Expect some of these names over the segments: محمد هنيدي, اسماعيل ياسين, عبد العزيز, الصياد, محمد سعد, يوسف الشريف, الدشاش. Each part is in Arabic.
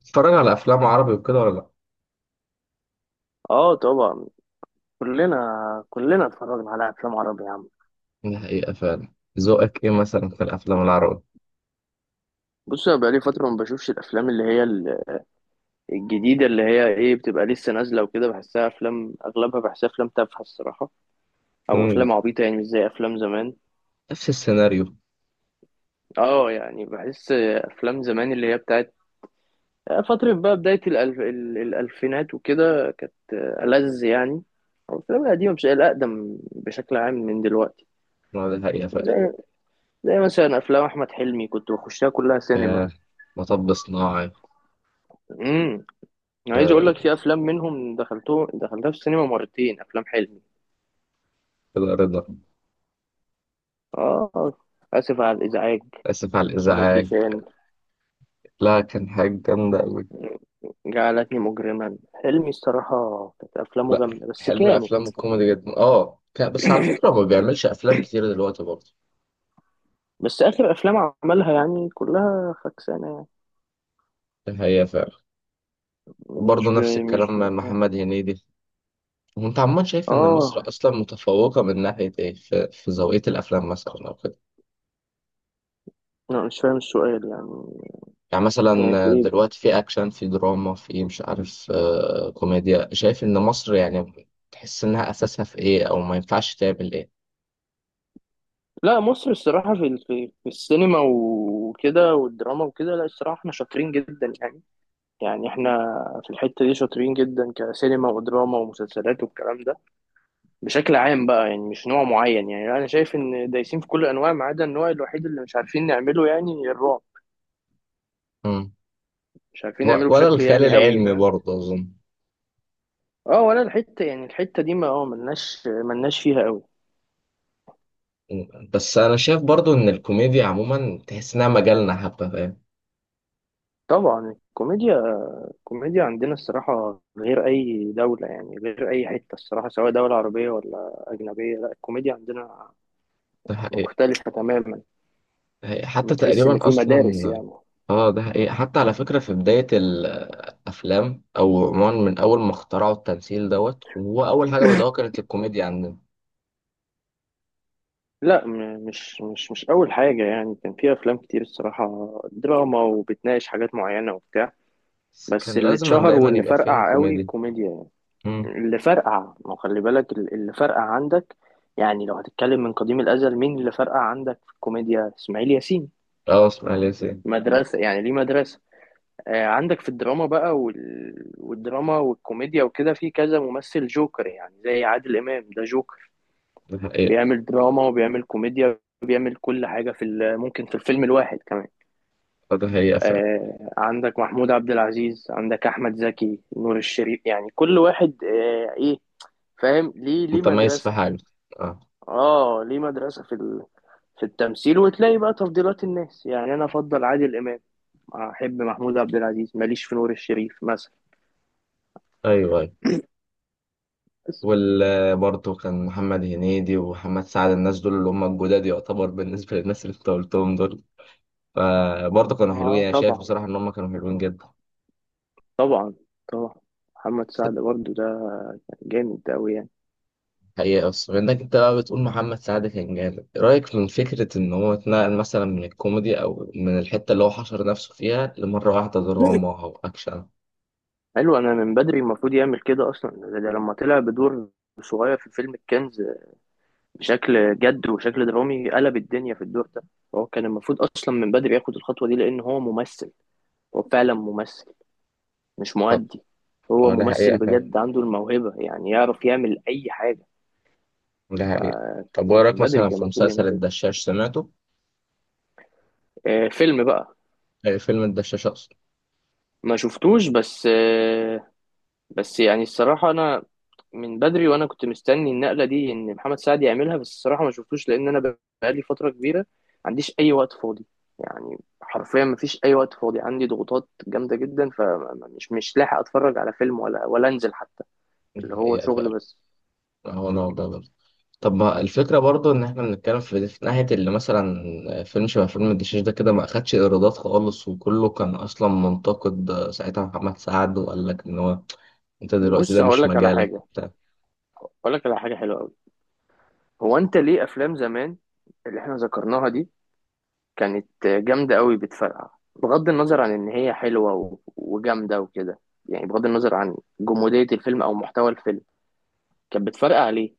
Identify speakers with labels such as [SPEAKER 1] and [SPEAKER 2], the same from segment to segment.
[SPEAKER 1] بتتفرج على افلام عربي وكده ولا لا؟
[SPEAKER 2] اه طبعا. كلنا كلنا اتفرجنا على افلام عربي يا عم.
[SPEAKER 1] دي حقيقة فعلا. ذوقك ايه مثلا في الافلام العربي؟
[SPEAKER 2] بص، انا بقالي فتره ما بشوفش الافلام اللي هي الجديده، اللي هي ايه، بتبقى لسه نازله وكده. بحسها افلام، اغلبها بحسها افلام تافهه الصراحه، او
[SPEAKER 1] مم،
[SPEAKER 2] افلام عبيطه، يعني مش زي افلام زمان.
[SPEAKER 1] نفس السيناريو.
[SPEAKER 2] اه يعني، بحس افلام زمان اللي هي بتاعت فتره، بقى بدايه الالفينات وكده، كانت ألذ يعني. او الافلام القديمه، مش الاقدم، بشكل عام من دلوقتي.
[SPEAKER 1] ما دي حقيقة فعلا.
[SPEAKER 2] زي زي مثلا افلام احمد حلمي، كنت بخشها كلها سينما.
[SPEAKER 1] آه، مطب صناعي.
[SPEAKER 2] انا عايز اقول لك،
[SPEAKER 1] آه،
[SPEAKER 2] في افلام منهم دخلتها في السينما مرتين، افلام حلمي.
[SPEAKER 1] كده رضا.
[SPEAKER 2] اه، اسف على الازعاج.
[SPEAKER 1] اسف على
[SPEAKER 2] زكي
[SPEAKER 1] الازعاج.
[SPEAKER 2] شان،
[SPEAKER 1] لا، كان حاجة جامدة قوي.
[SPEAKER 2] جعلتني مجرما، حلمي الصراحه كانت افلامه
[SPEAKER 1] لا،
[SPEAKER 2] جامده، بس
[SPEAKER 1] حلمي
[SPEAKER 2] كانت.
[SPEAKER 1] افلام الكوميدي جدا اه بس على فكرة هو ما بيعملش افلام كتير دلوقتي برضه.
[SPEAKER 2] بس اخر افلام عملها يعني كلها فكسانه.
[SPEAKER 1] دي حقيقة فعلا.
[SPEAKER 2] يعني مش
[SPEAKER 1] وبرضه
[SPEAKER 2] ب...
[SPEAKER 1] نفس الكلام
[SPEAKER 2] مش
[SPEAKER 1] مع محمد هنيدي. وانت عمال شايف ان مصر
[SPEAKER 2] اه
[SPEAKER 1] اصلا متفوقة من ناحية ايه في ذوقية الافلام مثلا او كده؟
[SPEAKER 2] لا، مش فاهم السؤال يعني.
[SPEAKER 1] يعني مثلا
[SPEAKER 2] يعني في ايه؟
[SPEAKER 1] دلوقتي في اكشن في دراما في مش عارف كوميديا، شايف ان مصر يعني تحس انها اساسها في ايه او ما ينفعش تعمل ايه؟
[SPEAKER 2] لا، مصر الصراحه في السينما وكده والدراما وكده، لا الصراحه احنا شاطرين جدا يعني. يعني احنا في الحتة دي شاطرين جدا كسينما ودراما ومسلسلات والكلام ده. بشكل عام بقى، يعني مش نوع معين. يعني انا شايف ان دايسين في كل الانواع، ما عدا النوع الوحيد اللي مش عارفين نعمله، يعني الرعب.
[SPEAKER 1] مم.
[SPEAKER 2] مش عارفين نعمله
[SPEAKER 1] ولا
[SPEAKER 2] بشكل
[SPEAKER 1] الخيال
[SPEAKER 2] يعني قوي،
[SPEAKER 1] العلمي
[SPEAKER 2] فاهم.
[SPEAKER 1] برضه اظن؟
[SPEAKER 2] اه، ولا الحتة، يعني الحتة دي ما ملناش فيها قوي.
[SPEAKER 1] مم. بس انا شايف برضه ان الكوميديا عموما تحس انها مجالنا حبه، فاهم؟
[SPEAKER 2] طبعا الكوميديا. الكوميديا عندنا الصراحة غير أي دولة، يعني غير أي حتة الصراحة، سواء دولة عربية ولا أجنبية، لا، الكوميديا عندنا
[SPEAKER 1] ده حقيقي.
[SPEAKER 2] مختلفة تماما.
[SPEAKER 1] ده حقيقي.
[SPEAKER 2] ما
[SPEAKER 1] حتى
[SPEAKER 2] تحس إن
[SPEAKER 1] تقريبا
[SPEAKER 2] في مدارس
[SPEAKER 1] اصلا
[SPEAKER 2] يعني.
[SPEAKER 1] اه ده حقيقي. حتى على فكره في بدايه الافلام او عموما من اول ما اخترعوا التمثيل دوت هو اول حاجه بدأوها كانت الكوميديا عندنا.
[SPEAKER 2] لا مش أول حاجة يعني، كان في أفلام كتير الصراحة دراما، وبتناقش حاجات معينة وبتاع.
[SPEAKER 1] بس
[SPEAKER 2] بس
[SPEAKER 1] كان
[SPEAKER 2] اللي
[SPEAKER 1] لازما
[SPEAKER 2] اتشهر
[SPEAKER 1] دايما
[SPEAKER 2] واللي
[SPEAKER 1] يبقى فيها
[SPEAKER 2] فرقع قوي
[SPEAKER 1] كوميديا.
[SPEAKER 2] الكوميديا.
[SPEAKER 1] مم.
[SPEAKER 2] يعني اللي فرقع، ما هو خلي بالك اللي فرقع عندك. يعني لو هتتكلم من قديم الأزل، مين اللي فرقع عندك في الكوميديا؟ إسماعيل ياسين،
[SPEAKER 1] اه اسماعيل ياسين.
[SPEAKER 2] مدرسة يعني، ليه مدرسة. آه، عندك في الدراما بقى والدراما والكوميديا وكده، في كذا ممثل جوكر، يعني زي عادل إمام، ده جوكر.
[SPEAKER 1] ده حقيقة.
[SPEAKER 2] بيعمل دراما وبيعمل كوميديا، بيعمل كل حاجة ممكن في الفيلم الواحد كمان.
[SPEAKER 1] آه، ده حقيقة فعلا.
[SPEAKER 2] آه، عندك محمود عبد العزيز، عندك أحمد زكي، نور الشريف، يعني كل واحد إيه، فاهم، ليه
[SPEAKER 1] متميز في
[SPEAKER 2] مدرسة.
[SPEAKER 1] حاجة. اه.
[SPEAKER 2] آه، ليه مدرسة في التمثيل. وتلاقي بقى تفضيلات الناس، يعني أنا أفضل عادل إمام، أحب محمود عبد العزيز، ماليش في نور الشريف مثلا.
[SPEAKER 1] ايوه ايوه.
[SPEAKER 2] بس،
[SPEAKER 1] وال برضه كان محمد هنيدي ومحمد سعد، الناس دول اللي هم الجداد يعتبر بالنسبة للناس اللي انت قلتهم دول. فبرضه كانوا حلوين،
[SPEAKER 2] آه،
[SPEAKER 1] انا شايف
[SPEAKER 2] طبعا،
[SPEAKER 1] بصراحة ان هم كانوا حلوين جدا.
[SPEAKER 2] طبعا، طبعا. محمد سعد برضو ده جامد أوي يعني.
[SPEAKER 1] حقيقة. بس بما انك انت بقى بتقول محمد سعد كان جامد، إيه رأيك من فكرة ان هو اتنقل مثلا من الكوميدي او من الحتة اللي هو حشر نفسه فيها لمرة واحدة دراما او اكشن؟
[SPEAKER 2] حلو، انا من بدري المفروض يعمل كده اصلا. ده لما طلع بدور صغير في فيلم الكنز بشكل جد وشكل درامي، قلب الدنيا في الدور ده. هو كان المفروض اصلا من بدري ياخد الخطوة دي، لان هو ممثل. هو فعلا ممثل، مش
[SPEAKER 1] طب.
[SPEAKER 2] مؤدي. هو
[SPEAKER 1] آه، ده
[SPEAKER 2] ممثل
[SPEAKER 1] حقيقة.
[SPEAKER 2] بجد، عنده الموهبة، يعني يعرف يعمل اي حاجة.
[SPEAKER 1] ده حقيقة. طب وإيه
[SPEAKER 2] من
[SPEAKER 1] رأيك
[SPEAKER 2] بدري
[SPEAKER 1] مثلا
[SPEAKER 2] كان
[SPEAKER 1] في
[SPEAKER 2] المفروض يعمل
[SPEAKER 1] مسلسل
[SPEAKER 2] كده.
[SPEAKER 1] الدشاش، سمعته؟
[SPEAKER 2] فيلم بقى،
[SPEAKER 1] آه، فيلم الدشاش أقصد.
[SPEAKER 2] ما شفتوش. بس بس يعني الصراحة أنا من بدري وأنا كنت مستني النقلة دي إن محمد سعد يعملها، بس الصراحة ما شفتوش، لأن أنا بقالي فترة كبيرة ما عنديش أي وقت فاضي. يعني حرفيا ما فيش أي وقت فاضي عندي، ضغوطات جامدة جدا، فمش مش لاحق أتفرج على فيلم، ولا أنزل حتى.
[SPEAKER 1] دي
[SPEAKER 2] اللي هو
[SPEAKER 1] حقيقة
[SPEAKER 2] شغل
[SPEAKER 1] فعلا.
[SPEAKER 2] بس.
[SPEAKER 1] هو نوع ده برضه. طب ما الفكرة برضه إن إحنا بنتكلم في ناحية اللي مثلا آه، فيلم شبه فيلم الدشاش ده كده ما أخدش إيرادات خالص وكله كان أصلا منتقد. آه، ساعتها محمد سعد وقال لك إن هو أنت دلوقتي
[SPEAKER 2] بص،
[SPEAKER 1] ده مش مجالك وبتاع.
[SPEAKER 2] هقول لك على حاجة حلوة أوي. هو أنت، ليه أفلام زمان اللي إحنا ذكرناها دي كانت جامدة قوي بتفرقع؟ بغض النظر عن إن هي حلوة وجامدة وكده، يعني بغض النظر عن جمودية الفيلم أو محتوى الفيلم، كانت بتفرقع ليه؟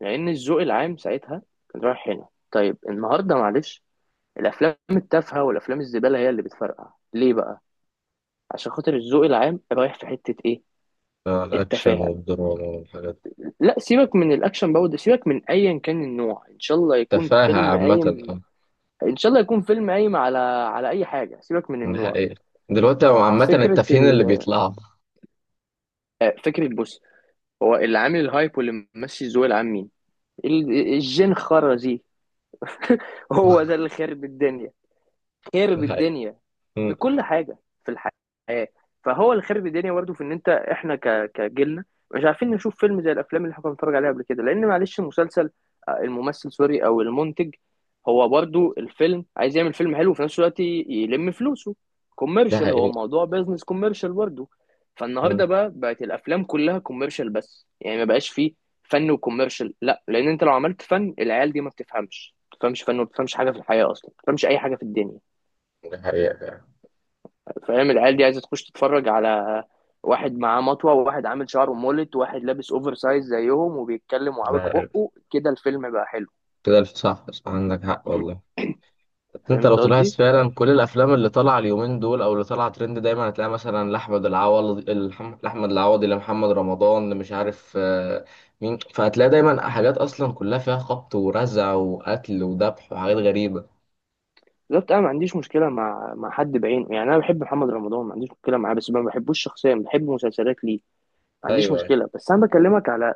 [SPEAKER 2] لأن الذوق العام ساعتها كان رايح هنا. طيب النهاردة معلش، الأفلام التافهة والأفلام الزبالة هي اللي بتفرقع، ليه بقى؟ عشان خاطر الذوق العام رايح في حتة إيه؟
[SPEAKER 1] آه، الأكشن
[SPEAKER 2] التفاهة.
[SPEAKER 1] والدراما والحاجات دي.
[SPEAKER 2] لا، سيبك من الأكشن برضه، سيبك من أيا كان النوع، إن شاء الله يكون
[SPEAKER 1] تفاهة
[SPEAKER 2] فيلم
[SPEAKER 1] عامة
[SPEAKER 2] قايم.
[SPEAKER 1] أه.
[SPEAKER 2] إن شاء الله يكون فيلم قايم على أي حاجة، سيبك من
[SPEAKER 1] ده
[SPEAKER 2] النوع.
[SPEAKER 1] حقيقة. دلوقتي هو عامة
[SPEAKER 2] فكرة
[SPEAKER 1] التافهين اللي
[SPEAKER 2] ال...
[SPEAKER 1] بيطلعوا.
[SPEAKER 2] آه، فكرة، بص، هو اللي عامل الهايب واللي ماشي الذوق العام مين؟ الجين خرزي. هو ده اللي خرب الدنيا،
[SPEAKER 1] ده
[SPEAKER 2] خرب
[SPEAKER 1] حقيقة.
[SPEAKER 2] الدنيا في
[SPEAKER 1] مم.
[SPEAKER 2] كل حاجه في الحياه. فهو الخرب الدنيا برضه، في ان انت، احنا كجيلنا مش عارفين نشوف فيلم زي الافلام اللي احنا كنا بنتفرج عليها قبل كده. لان معلش، المسلسل آه، الممثل سوري او المنتج، هو برضه الفيلم عايز يعمل فيلم حلو، وفي نفس الوقت يلم فلوسه.
[SPEAKER 1] ده
[SPEAKER 2] كوميرشال، هو
[SPEAKER 1] حقيقة.
[SPEAKER 2] موضوع بيزنس كوميرشال برضه.
[SPEAKER 1] مم.
[SPEAKER 2] فالنهارده بقى بقت الافلام كلها كوميرشال بس، يعني ما بقاش فيه فن وكوميرشال. لا، لان انت لو عملت فن، العيال دي ما بتفهمش فن، وما بتفهمش حاجه في الحياه اصلا، ما بتفهمش اي حاجه في الدنيا.
[SPEAKER 1] ده حقيقة.
[SPEAKER 2] فاهم، العيال دي عايزه تخش تتفرج على واحد معاه مطوه، وواحد عامل شعره مولت، وواحد لابس اوفر سايز زيهم وبيتكلم وعاوج
[SPEAKER 1] لا،
[SPEAKER 2] بقه كده، الفيلم بقى حلو.
[SPEAKER 1] صح صح، عندك حق والله. بس انت
[SPEAKER 2] فهمت
[SPEAKER 1] لو طلعت
[SPEAKER 2] قصدي.
[SPEAKER 1] فعلا كل الافلام اللي طالعه اليومين دول او اللي طالعه ترند دايما هتلاقي مثلا لاحمد العوضي لاحمد العوضي لمحمد رمضان مش عارف آه، مين؟ فهتلاقي دايما حاجات اصلا كلها فيها خبط ورزع وقتل وذبح وحاجات غريبه.
[SPEAKER 2] بالظبط، انا ما عنديش مشكله مع حد بعينه. يعني انا بحب محمد رمضان، ما عنديش مشكله معاه، بس ما بحبوش شخصيا، بحب مسلسلات ليه. ما عنديش
[SPEAKER 1] ايوه ايوه.
[SPEAKER 2] مشكله، بس انا بكلمك على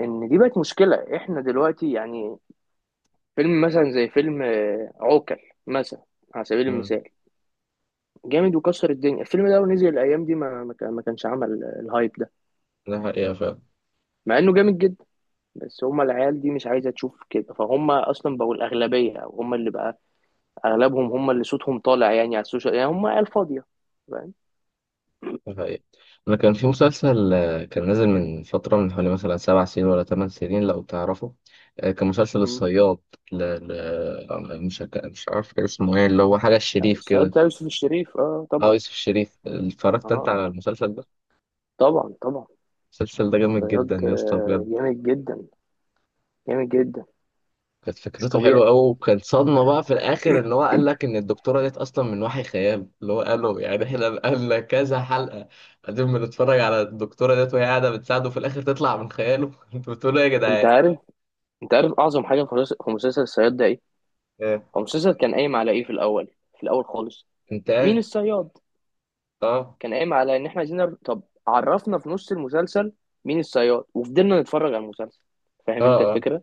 [SPEAKER 2] ان دي بقت مشكله، احنا دلوقتي يعني. فيلم مثلا زي فيلم عوكل مثلا، على سبيل
[SPEAKER 1] مم.
[SPEAKER 2] المثال، جامد وكسر الدنيا. الفيلم ده لو نزل الايام دي، ما كانش عمل الهايب ده،
[SPEAKER 1] ده حقيقه فعلا.
[SPEAKER 2] مع انه جامد جدا. بس هما العيال دي مش عايزه تشوف كده، فهم اصلا بقوا الاغلبيه. او هم اللي بقى اغلبهم، هم اللي صوتهم طالع يعني على السوشيال، يعني هم عيال فاضيه، فاهم.
[SPEAKER 1] ده حقيقي. أنا كان في مسلسل آه، كان نازل من فترة من حوالي مثلا 7 سنين ولا 8 سنين لو تعرفه. آه، كان مسلسل
[SPEAKER 2] مم.
[SPEAKER 1] الصياد. ل... ل... مش هك- مش عارف كان اسمه ايه، اللي هو حاجة الشريف
[SPEAKER 2] الصياد
[SPEAKER 1] كده.
[SPEAKER 2] بتاع يوسف الشريف، اه
[SPEAKER 1] اه
[SPEAKER 2] طبعا.
[SPEAKER 1] يوسف الشريف،
[SPEAKER 2] اه،
[SPEAKER 1] اتفرجت انت
[SPEAKER 2] آه.
[SPEAKER 1] على المسلسل ده؟
[SPEAKER 2] طبعا، طبعا.
[SPEAKER 1] المسلسل ده جامد جدا
[SPEAKER 2] الصياد،
[SPEAKER 1] يا اسطى بجد.
[SPEAKER 2] جامد جدا. جامد جدا،
[SPEAKER 1] كانت
[SPEAKER 2] مش
[SPEAKER 1] فكرته
[SPEAKER 2] طبيعي.
[SPEAKER 1] حلوة أوي وكان صدمة بقى في الآخر إن هو قال لك إن الدكتورة ديت أصلا من وحي خيال اللي هو قاله، يعني إحنا قالنا كذا حلقة قاعدين بنتفرج على الدكتورة ديت وهي قاعدة بتساعده في الآخر تطلع من خياله. أنتوا بتقولوا إيه يا
[SPEAKER 2] انت
[SPEAKER 1] جدعان؟
[SPEAKER 2] عارف انت عارف، اعظم حاجه في مسلسل الصياد ده ايه؟
[SPEAKER 1] آه.
[SPEAKER 2] هو مسلسل كان قايم على ايه في الاول؟ في الاول خالص،
[SPEAKER 1] انت
[SPEAKER 2] مين
[SPEAKER 1] عارف.
[SPEAKER 2] الصياد؟
[SPEAKER 1] اه
[SPEAKER 2] كان قايم على ان احنا عايزين طب عرفنا في نص المسلسل مين الصياد، وفضلنا نتفرج على المسلسل،
[SPEAKER 1] اه
[SPEAKER 2] فاهم انت
[SPEAKER 1] اه.
[SPEAKER 2] الفكره.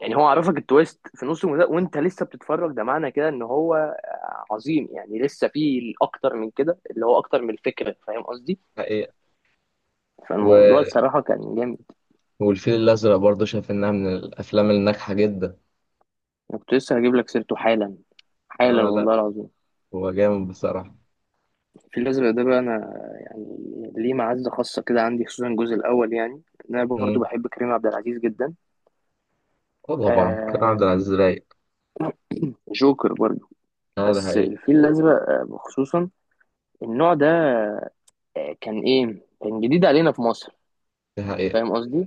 [SPEAKER 2] يعني هو عرفك التويست في نص المسلسل وانت لسه بتتفرج، ده معنى كده ان هو عظيم يعني، لسه فيه اكتر من كده اللي هو اكتر من الفكره، فاهم قصدي.
[SPEAKER 1] حقيقة.
[SPEAKER 2] فالموضوع
[SPEAKER 1] و...
[SPEAKER 2] الصراحه كان جامد.
[SPEAKER 1] والفيل الأزرق برضه شايف إنها من الأفلام الناجحة جدا.
[SPEAKER 2] انا كنت لسه هجيب لك سيرته حالا، حالا
[SPEAKER 1] اه لا،
[SPEAKER 2] والله العظيم.
[SPEAKER 1] هو جامد بصراحة.
[SPEAKER 2] في الأزرق ده بقى، أنا يعني ليه معزة خاصة كده عندي، خصوصا الجزء الأول يعني. إن أنا برضو
[SPEAKER 1] مم.
[SPEAKER 2] بحب كريم عبد العزيز جدا.
[SPEAKER 1] اه طبعا كان عبد
[SPEAKER 2] آه،
[SPEAKER 1] العزيز رايق.
[SPEAKER 2] جوكر برضو.
[SPEAKER 1] اه ده
[SPEAKER 2] بس
[SPEAKER 1] حقيقة.
[SPEAKER 2] الفيل الأزرق، خصوصا النوع ده، كان إيه، كان جديد علينا في مصر.
[SPEAKER 1] ده حقيقة.
[SPEAKER 2] فاهم قصدي،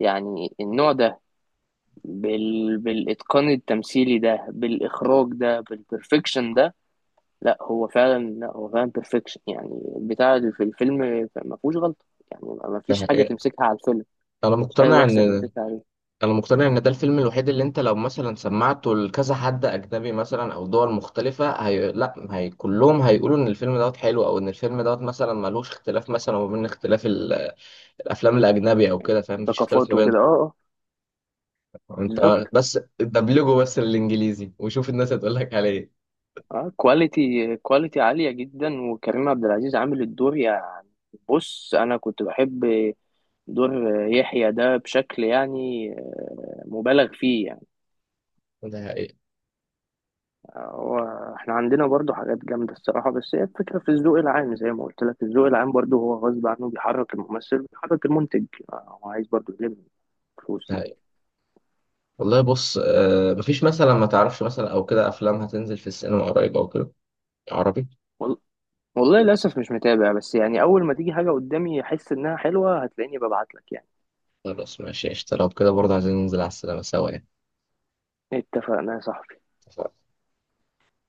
[SPEAKER 2] يعني النوع ده، بالإتقان التمثيلي ده، بالإخراج ده، بالبرفكشن ده. لا هو فعلا، بيرفكشن يعني، البتاع اللي في الفيلم ما فيهوش غلطة. يعني ما
[SPEAKER 1] ده
[SPEAKER 2] فيش حاجة
[SPEAKER 1] حقيقة.
[SPEAKER 2] تمسكها على الفيلم،
[SPEAKER 1] أنا
[SPEAKER 2] مش حاجة
[SPEAKER 1] مقتنع إن
[SPEAKER 2] وحشة تمسكها عليه.
[SPEAKER 1] أنا مقتنع إن ده الفيلم الوحيد اللي أنت لو مثلا سمعته لكذا حد أجنبي مثلا أو دول مختلفة، لا هي كلهم هيقولوا إن الفيلم دوت حلو أو إن الفيلم دوت مثلا ملوش اختلاف مثلا ما بين اختلاف ال... الأفلام الأجنبي أو كده، فاهم؟ مفيش اختلاف ما
[SPEAKER 2] ثقافات
[SPEAKER 1] بين
[SPEAKER 2] وكده، اه، اه.
[SPEAKER 1] انت
[SPEAKER 2] بالظبط.
[SPEAKER 1] بس دبلجه بس الانجليزي وشوف الناس هتقول لك على ايه.
[SPEAKER 2] اه، كواليتي عالية جدا، وكريم عبد العزيز عامل الدور يعني. بص، انا كنت بحب دور يحيى ده بشكل يعني مبالغ فيه يعني.
[SPEAKER 1] ده حقيقي.
[SPEAKER 2] هو احنا عندنا برضو حاجات جامدة الصراحة، بس هي الفكرة في الذوق العام زي ما قلت لك، الذوق العام برضو هو غصب عنه بيحرك الممثل بيحرك المنتج، هو عايز برضو يلم
[SPEAKER 1] ده
[SPEAKER 2] فلوس يعني.
[SPEAKER 1] حقيقي والله. بص آه مفيش مثلا ما تعرفش مثلا او كده افلام هتنزل في السينما قريب او كده، عربي؟
[SPEAKER 2] وال- والله للأسف مش متابع، بس يعني أول ما تيجي حاجة قدامي أحس إنها حلوة، هتلاقيني ببعت لك يعني.
[SPEAKER 1] خلاص ماشي قشطة، لو كده برضه عايزين ننزل على السينما سوا
[SPEAKER 2] اتفقنا يا صاحبي.
[SPEAKER 1] يعني.